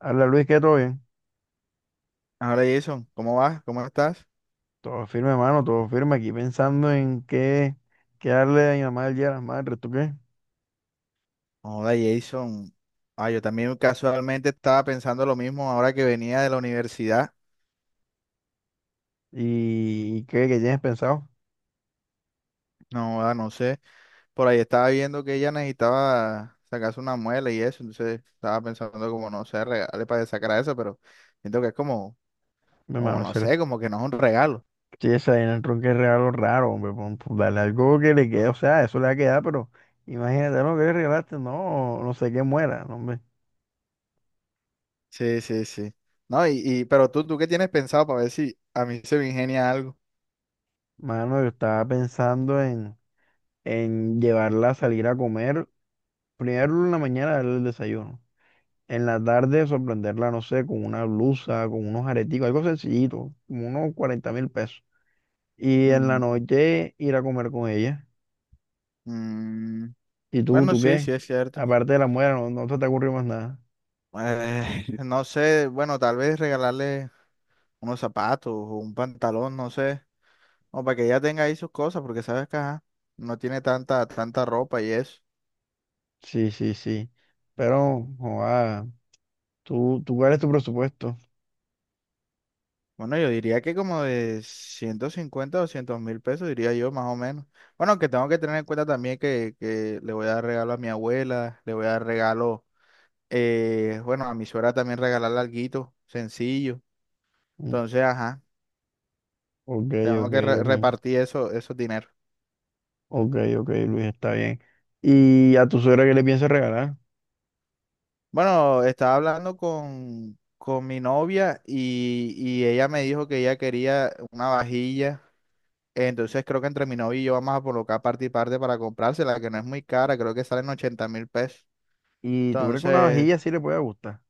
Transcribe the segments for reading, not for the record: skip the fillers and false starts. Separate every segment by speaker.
Speaker 1: Habla Luis, ¿qué todo bien?
Speaker 2: Hola Jason, ¿cómo vas? ¿Cómo estás?
Speaker 1: Todo firme, hermano, todo firme. Aquí pensando en qué darle a mi mamá el Día de las Madres, ¿tú qué?
Speaker 2: Hola Jason. Ah, yo también casualmente estaba pensando lo mismo ahora que venía de la universidad.
Speaker 1: ¿Y qué tienes pensado?
Speaker 2: No, no sé. Por ahí estaba viendo que ella necesitaba sacarse una muela y eso. Entonces estaba pensando como, no sé, regalarle para sacar a eso, pero siento que es como,
Speaker 1: Mi
Speaker 2: como
Speaker 1: hermano,
Speaker 2: no
Speaker 1: ser
Speaker 2: sé, como que no es un regalo.
Speaker 1: esa vaina entró en el tronco es regalo raro, hombre. Dale algo que le quede, o sea, eso le va a quedar, pero imagínate lo que le regalaste, no, no sé qué muera, no, hombre.
Speaker 2: Sí, sí, sí. No, y pero ¿tú qué tienes pensado para ver si a mí se me ingenia algo?
Speaker 1: Mano, yo estaba pensando en llevarla a salir a comer. Primero en la mañana darle el desayuno. En la tarde sorprenderla, no sé, con una blusa, con unos areticos, algo sencillito, como unos 40.000 pesos. Y en la
Speaker 2: Ujú.
Speaker 1: noche ir a comer con ella.
Speaker 2: Mm,
Speaker 1: ¿Y tú,
Speaker 2: bueno,
Speaker 1: tú
Speaker 2: sí,
Speaker 1: qué?
Speaker 2: sí es cierto.
Speaker 1: Aparte de la muela, no, no se te ocurrió más nada.
Speaker 2: No sé, bueno, tal vez regalarle unos zapatos o un pantalón, no sé, o para que ella tenga ahí sus cosas, porque sabes que ajá, no tiene tanta ropa y eso.
Speaker 1: Sí, sí, sí. Pero, joa, ¿tú cuál es tu presupuesto?
Speaker 2: Bueno, yo diría que como de 150.000 o 200.000 pesos, diría yo, más o menos. Bueno, que tengo que tener en cuenta también que le voy a dar regalo a mi abuela, le voy a dar regalo, bueno, a mi suegra también regalarle alguito, sencillo.
Speaker 1: Mm.
Speaker 2: Entonces, ajá,
Speaker 1: Ok,
Speaker 2: tengo
Speaker 1: ok,
Speaker 2: que
Speaker 1: ok.
Speaker 2: repartir eso, esos dineros.
Speaker 1: Ok, ok, Luis, está bien. ¿Y a tu suegra qué le piensas regalar?
Speaker 2: Bueno, estaba hablando con mi novia y ella me dijo que ella quería una vajilla. Entonces creo que entre mi novia y yo vamos a colocar parte y parte para comprársela, que no es muy cara, creo que salen 80.000 pesos.
Speaker 1: ¿Y tú crees que una
Speaker 2: Entonces,
Speaker 1: vajilla sí le puede gustar?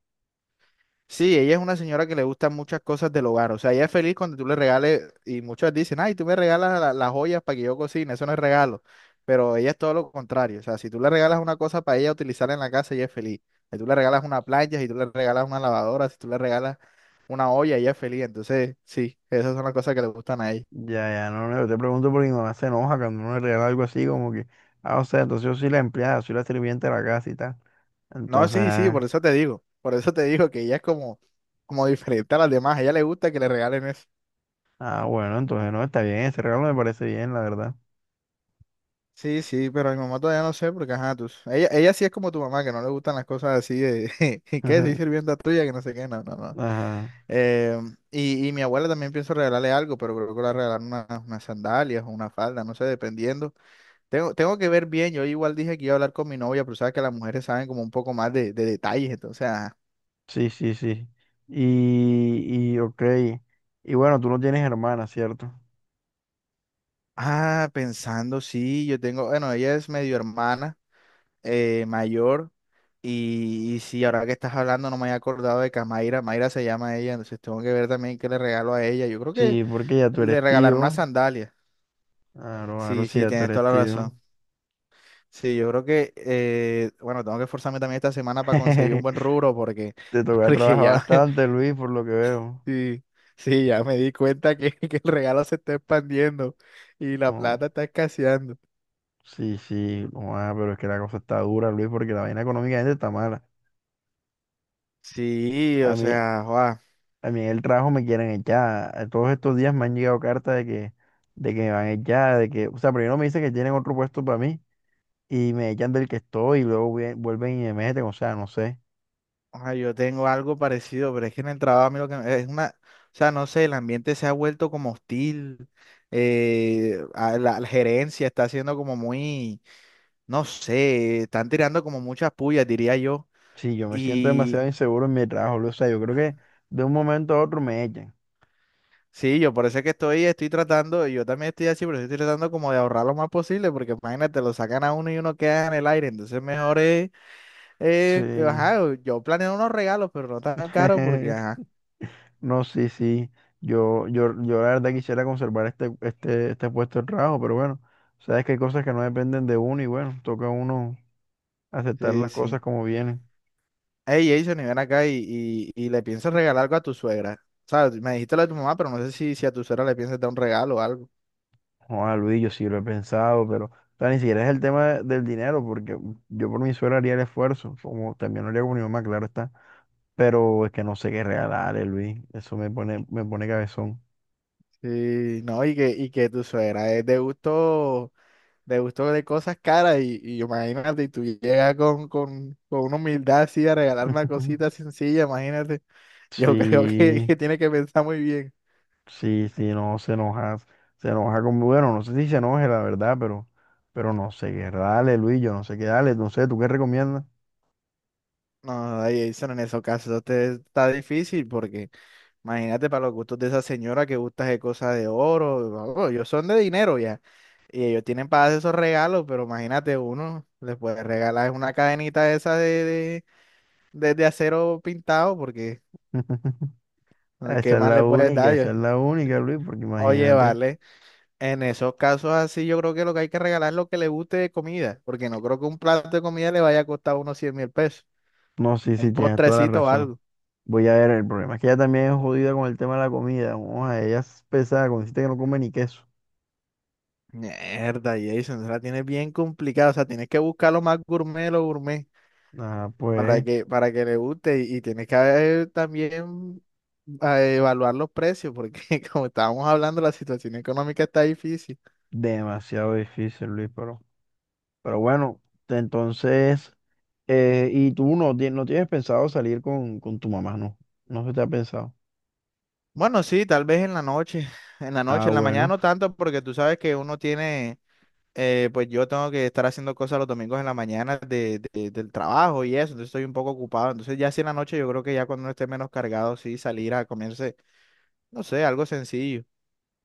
Speaker 2: sí, ella es una señora que le gustan muchas cosas del hogar. O sea, ella es feliz cuando tú le regales, y muchos dicen, ay, tú me regalas las joyas para que yo cocine, eso no es regalo. Pero ella es todo lo contrario. O sea, si tú le regalas una cosa para ella utilizar en la casa, ella es feliz. Si tú le regalas una plancha, si tú le regalas una lavadora, si tú le regalas una olla, ella es feliz. Entonces, sí, esas son las cosas que le gustan a ella.
Speaker 1: Ya, ya, no, no, yo te pregunto porque mi mamá se enoja cuando uno le regala algo así, como que, ah, o sea, entonces yo soy la empleada, soy la sirvienta de la casa y tal.
Speaker 2: No,
Speaker 1: Entonces,
Speaker 2: sí, sí, por
Speaker 1: ah,
Speaker 2: eso te digo. Por eso te digo que ella es como diferente a las demás. A ella le gusta que le regalen eso.
Speaker 1: ah, bueno, entonces no, está bien, ese regalo me parece bien, la verdad.
Speaker 2: Sí, sí, pero a mi mamá todavía no sé porque, ajá, tú, ella sí es como tu mamá, que no le gustan las cosas así de, ¿y qué? Soy sirvienta tuya, que no sé qué, no, no, no.
Speaker 1: Ajá,
Speaker 2: Eh, y mi abuela también pienso regalarle algo, pero creo que le voy a regalar unas sandalias o una falda, no sé, dependiendo. Tengo que ver bien. Yo igual dije que iba a hablar con mi novia, pero sabes que las mujeres saben como un poco más de detalles, entonces, ajá.
Speaker 1: sí, sí, sí. Ok, y bueno, tú no tienes hermana, ¿cierto?
Speaker 2: Ah, pensando, sí, yo tengo, bueno, ella es medio hermana. Mayor. Y sí, ahora que estás hablando, no me había acordado de que Camaira. Mayra Mayra se llama ella, entonces tengo que ver también qué le regalo a ella. Yo creo que
Speaker 1: Sí, porque ya tú eres
Speaker 2: le regalaron una
Speaker 1: tío.
Speaker 2: sandalia.
Speaker 1: Claro, claro,
Speaker 2: Sí,
Speaker 1: sí,
Speaker 2: sí,
Speaker 1: ya tú
Speaker 2: tienes
Speaker 1: eres
Speaker 2: toda la
Speaker 1: tío.
Speaker 2: razón. Sí, yo creo que, bueno, tengo que esforzarme también esta semana para conseguir un buen rubro porque,
Speaker 1: Te toca
Speaker 2: porque
Speaker 1: trabajar
Speaker 2: ya,
Speaker 1: bastante, Luis, por lo que veo.
Speaker 2: sí, sí, ya me di cuenta que, que el regalo se está expandiendo y la
Speaker 1: Oh.
Speaker 2: plata está escaseando.
Speaker 1: Sí, sí, no, ah, pero es que la cosa está dura, Luis, porque la vaina económicamente está mala.
Speaker 2: Sí, o
Speaker 1: A mí,
Speaker 2: sea.
Speaker 1: a mí en el trabajo me quieren echar. A todos estos días me han llegado cartas de que, me van a echar, de que, o sea, primero me dicen que tienen otro puesto para mí y me echan del que estoy y luego vuelven y me meten, o sea, no sé.
Speaker 2: Ah, yo tengo algo parecido, pero es que en el trabajo a mí lo que es una, o sea, no sé, el ambiente se ha vuelto como hostil, a la gerencia está haciendo como muy, no sé, están tirando como muchas pullas, diría yo.
Speaker 1: Sí, yo me siento
Speaker 2: Y
Speaker 1: demasiado inseguro en mi trabajo, Luis, o sea, yo creo que de un momento a otro me echan.
Speaker 2: sí, yo por eso es que estoy tratando, yo también estoy así, pero estoy tratando como de ahorrar lo más posible, porque imagínate, lo sacan a uno y uno queda en el aire, entonces mejor es,
Speaker 1: Sí.
Speaker 2: ajá, yo planeo unos regalos, pero no tan caros, porque ajá,
Speaker 1: No, sí, sí. Yo la verdad quisiera conservar este puesto de trabajo, pero bueno, sabes que hay cosas que no dependen de uno y bueno, toca a uno aceptar
Speaker 2: sí,
Speaker 1: las
Speaker 2: sí.
Speaker 1: cosas como vienen.
Speaker 2: Hey, Jason, y ven acá y le piensas regalar algo a tu suegra. ¿Sabes? Me dijiste lo de tu mamá, pero no sé si a tu suegra le piensas dar un regalo o algo.
Speaker 1: Joder, Luis, yo sí lo he pensado, pero o sea, ni siquiera es el tema del dinero, porque yo por mi suerte haría el esfuerzo, como también lo haría con mi mamá, claro está, pero es que no sé qué regalarle, Luis. Eso me pone cabezón.
Speaker 2: Sí, no, y que tu suegra es de gusto de cosas caras. Y imagínate, y tú llegas con una humildad así a regalar una cosita sencilla, imagínate. Yo creo que,
Speaker 1: Sí.
Speaker 2: que tiene que pensar muy bien.
Speaker 1: Sí, sí, no, se enoja con, bueno, no sé si se enoje, la verdad, pero no sé qué, dale, Luis, yo no sé qué, dale, no sé, ¿tú qué recomiendas?
Speaker 2: No, ay, Jason, en esos casos te está difícil porque. Imagínate para los gustos de esa señora que gusta de cosas de oro. Vamos, ellos son de dinero ya. Y ellos tienen para hacer esos regalos, pero imagínate uno, les puede regalar una cadenita esa de acero pintado, porque
Speaker 1: Esa
Speaker 2: ¿qué
Speaker 1: es
Speaker 2: más
Speaker 1: la
Speaker 2: le puedes
Speaker 1: única,
Speaker 2: dar?
Speaker 1: esa es la única, Luis, porque
Speaker 2: Oye,
Speaker 1: imagínate.
Speaker 2: vale. En esos casos así, yo creo que lo que hay que regalar es lo que le guste de comida, porque no creo que un plato de comida le vaya a costar unos 100.000 pesos.
Speaker 1: No, sí, sí,
Speaker 2: Un
Speaker 1: tienes toda la
Speaker 2: postrecito o
Speaker 1: razón.
Speaker 2: algo.
Speaker 1: Voy a ver, el problema es que ella también es jodida con el tema de la comida. Vamos a ella es pesada, consiste que no come ni queso.
Speaker 2: Mierda, Jason, la tienes bien complicada. O sea, tienes que buscar lo más gourmet, de lo gourmet.
Speaker 1: Ah,
Speaker 2: para
Speaker 1: pues,
Speaker 2: que, para que le guste y tienes que haber también a evaluar los precios, porque como estábamos hablando, la situación económica está difícil.
Speaker 1: demasiado difícil, Luis, pero bueno, entonces... y tú no, no tienes pensado salir con, tu mamá, no. No se te ha pensado.
Speaker 2: Bueno, sí, tal vez en la noche, en la
Speaker 1: Ah,
Speaker 2: noche, en la mañana
Speaker 1: bueno.
Speaker 2: no tanto, porque tú sabes que uno tiene, pues yo tengo que estar haciendo cosas los domingos en la mañana del trabajo y eso, entonces estoy un poco ocupado. Entonces ya si en la noche yo creo que ya cuando uno esté menos cargado, sí, salir a comerse, no sé, algo sencillo.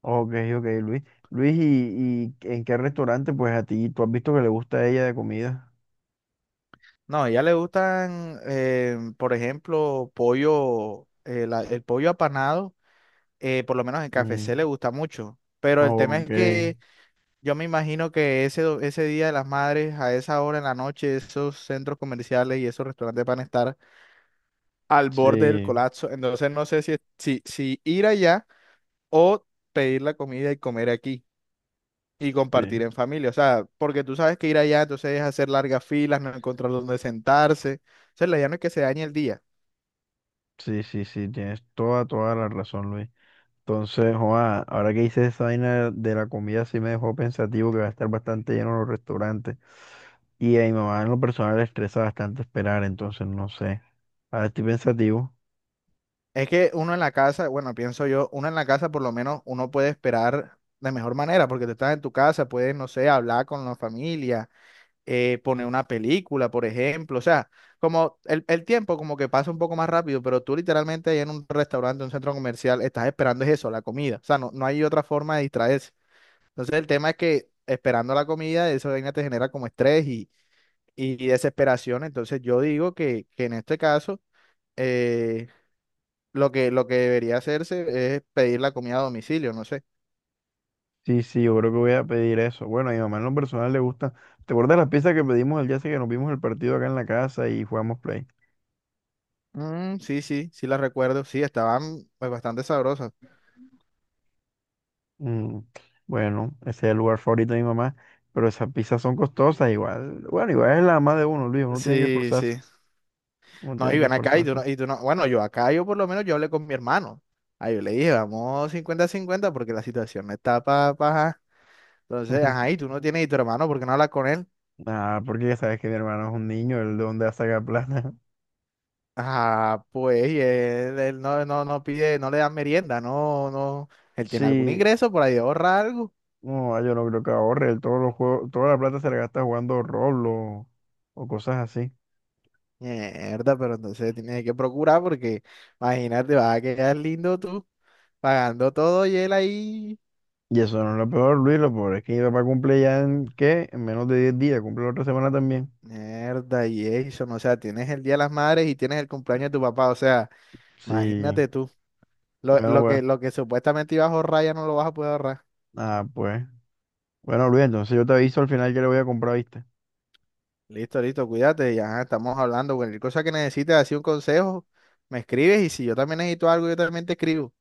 Speaker 1: Ok, ok, Luis. Luis, ¿y en qué restaurante? Pues a ti, ¿tú has visto que le gusta a ella de comida?
Speaker 2: No, a ella le gustan, por ejemplo, pollo, el pollo apanado, por lo menos en KFC
Speaker 1: Mm,
Speaker 2: le gusta mucho. Pero el tema es
Speaker 1: ok.
Speaker 2: que yo me imagino que ese Día de las Madres, a esa hora en la noche, esos centros comerciales y esos restaurantes van a estar al borde del
Speaker 1: Sí,
Speaker 2: colapso. Entonces no sé si ir allá o pedir la comida y comer aquí y compartir
Speaker 1: sí.
Speaker 2: en familia. O sea, porque tú sabes que ir allá entonces es hacer largas filas, no encontrar dónde sentarse. O sea, la idea no es que se dañe el día.
Speaker 1: Sí, sí, sí. Tienes toda la razón, Luis. Entonces, joa, ahora que hice esa vaina de la comida, sí me dejó pensativo que va a estar bastante lleno los restaurantes. Y a mi mamá en lo personal le estresa bastante esperar, entonces no sé. Ahora estoy pensativo.
Speaker 2: Es que uno en la casa, bueno, pienso yo, uno en la casa por lo menos uno puede esperar de mejor manera, porque tú estás en tu casa, puedes, no sé, hablar con la familia, poner una película, por ejemplo, o sea, como el tiempo como que pasa un poco más rápido, pero tú literalmente ahí en un restaurante, un centro comercial, estás esperando es eso, la comida, o sea, no hay otra forma de distraerse. Entonces el tema es que esperando la comida, eso vaina te genera como estrés y desesperación, entonces yo digo que en este caso... eh, lo que debería hacerse es pedir la comida a domicilio, no sé.
Speaker 1: Sí, sí, yo creo que voy a pedir eso. Bueno, a mi mamá en lo personal le gusta. ¿Te acuerdas las pizzas que pedimos el día ese que nos vimos el partido acá en la casa y jugamos play?
Speaker 2: Mm, sí, sí, sí la recuerdo. Sí, estaban pues, bastante sabrosas.
Speaker 1: Mm, bueno, ese es el lugar favorito de mi mamá, pero esas pizzas son costosas igual. Bueno, igual es la mamá de uno, Luis, uno tiene que
Speaker 2: Sí, sí.
Speaker 1: esforzarse, uno
Speaker 2: No,
Speaker 1: tiene
Speaker 2: y
Speaker 1: que
Speaker 2: ven acá y tú
Speaker 1: esforzarse.
Speaker 2: no, y tú no. Bueno, yo acá, yo por lo menos yo hablé con mi hermano. Ahí yo le dije, vamos 50 a 50 porque la situación no está para... Pa, entonces, ajá, y tú no tienes y tu hermano, ¿por qué no hablas con él?
Speaker 1: Ah, porque ya sabes que mi hermano es un niño, él de dónde va a sacar plata.
Speaker 2: Ajá, pues, y él no, no pide, no le dan merienda, no, no. Él tiene algún
Speaker 1: Sí,
Speaker 2: ingreso por ahí, ahorra algo.
Speaker 1: no, ah, yo no creo que ahorre, él todos los juegos, toda la plata se la gasta jugando Roblox o cosas así.
Speaker 2: Mierda, pero entonces tienes que procurar porque imagínate, vas a quedar lindo tú pagando todo y él ahí.
Speaker 1: Y eso no es lo peor, Luis, lo peor es que mi papá cumple ya en, ¿qué? En menos de 10 días, cumple la otra semana también.
Speaker 2: Mierda, y eso, o sea, tienes el Día de las Madres y tienes el cumpleaños de tu papá, o sea,
Speaker 1: Sí,
Speaker 2: imagínate tú, lo,
Speaker 1: bueno,
Speaker 2: lo que,
Speaker 1: bueno.
Speaker 2: lo que supuestamente ibas a ahorrar ya no lo vas a poder ahorrar.
Speaker 1: Ah, pues. Bueno, Luis, entonces yo te aviso al final que le voy a comprar, ¿viste?
Speaker 2: Listo, listo, cuídate, ya estamos hablando, cualquier cosa que necesites, así un consejo, me escribes y si yo también necesito algo, yo también te escribo.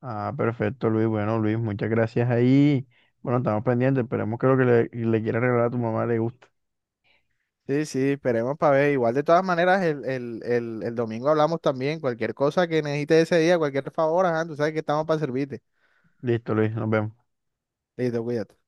Speaker 1: Ah, perfecto, Luis. Bueno, Luis, muchas gracias ahí. Bueno, estamos pendientes, esperemos que lo que le quiera regalar a tu mamá le guste.
Speaker 2: Sí, sí, esperemos para ver. Igual de todas maneras, el domingo hablamos también. Cualquier cosa que necesites ese día, cualquier favor, ajá, tú sabes que estamos para servirte.
Speaker 1: Listo, Luis, nos vemos.
Speaker 2: Listo, cuídate.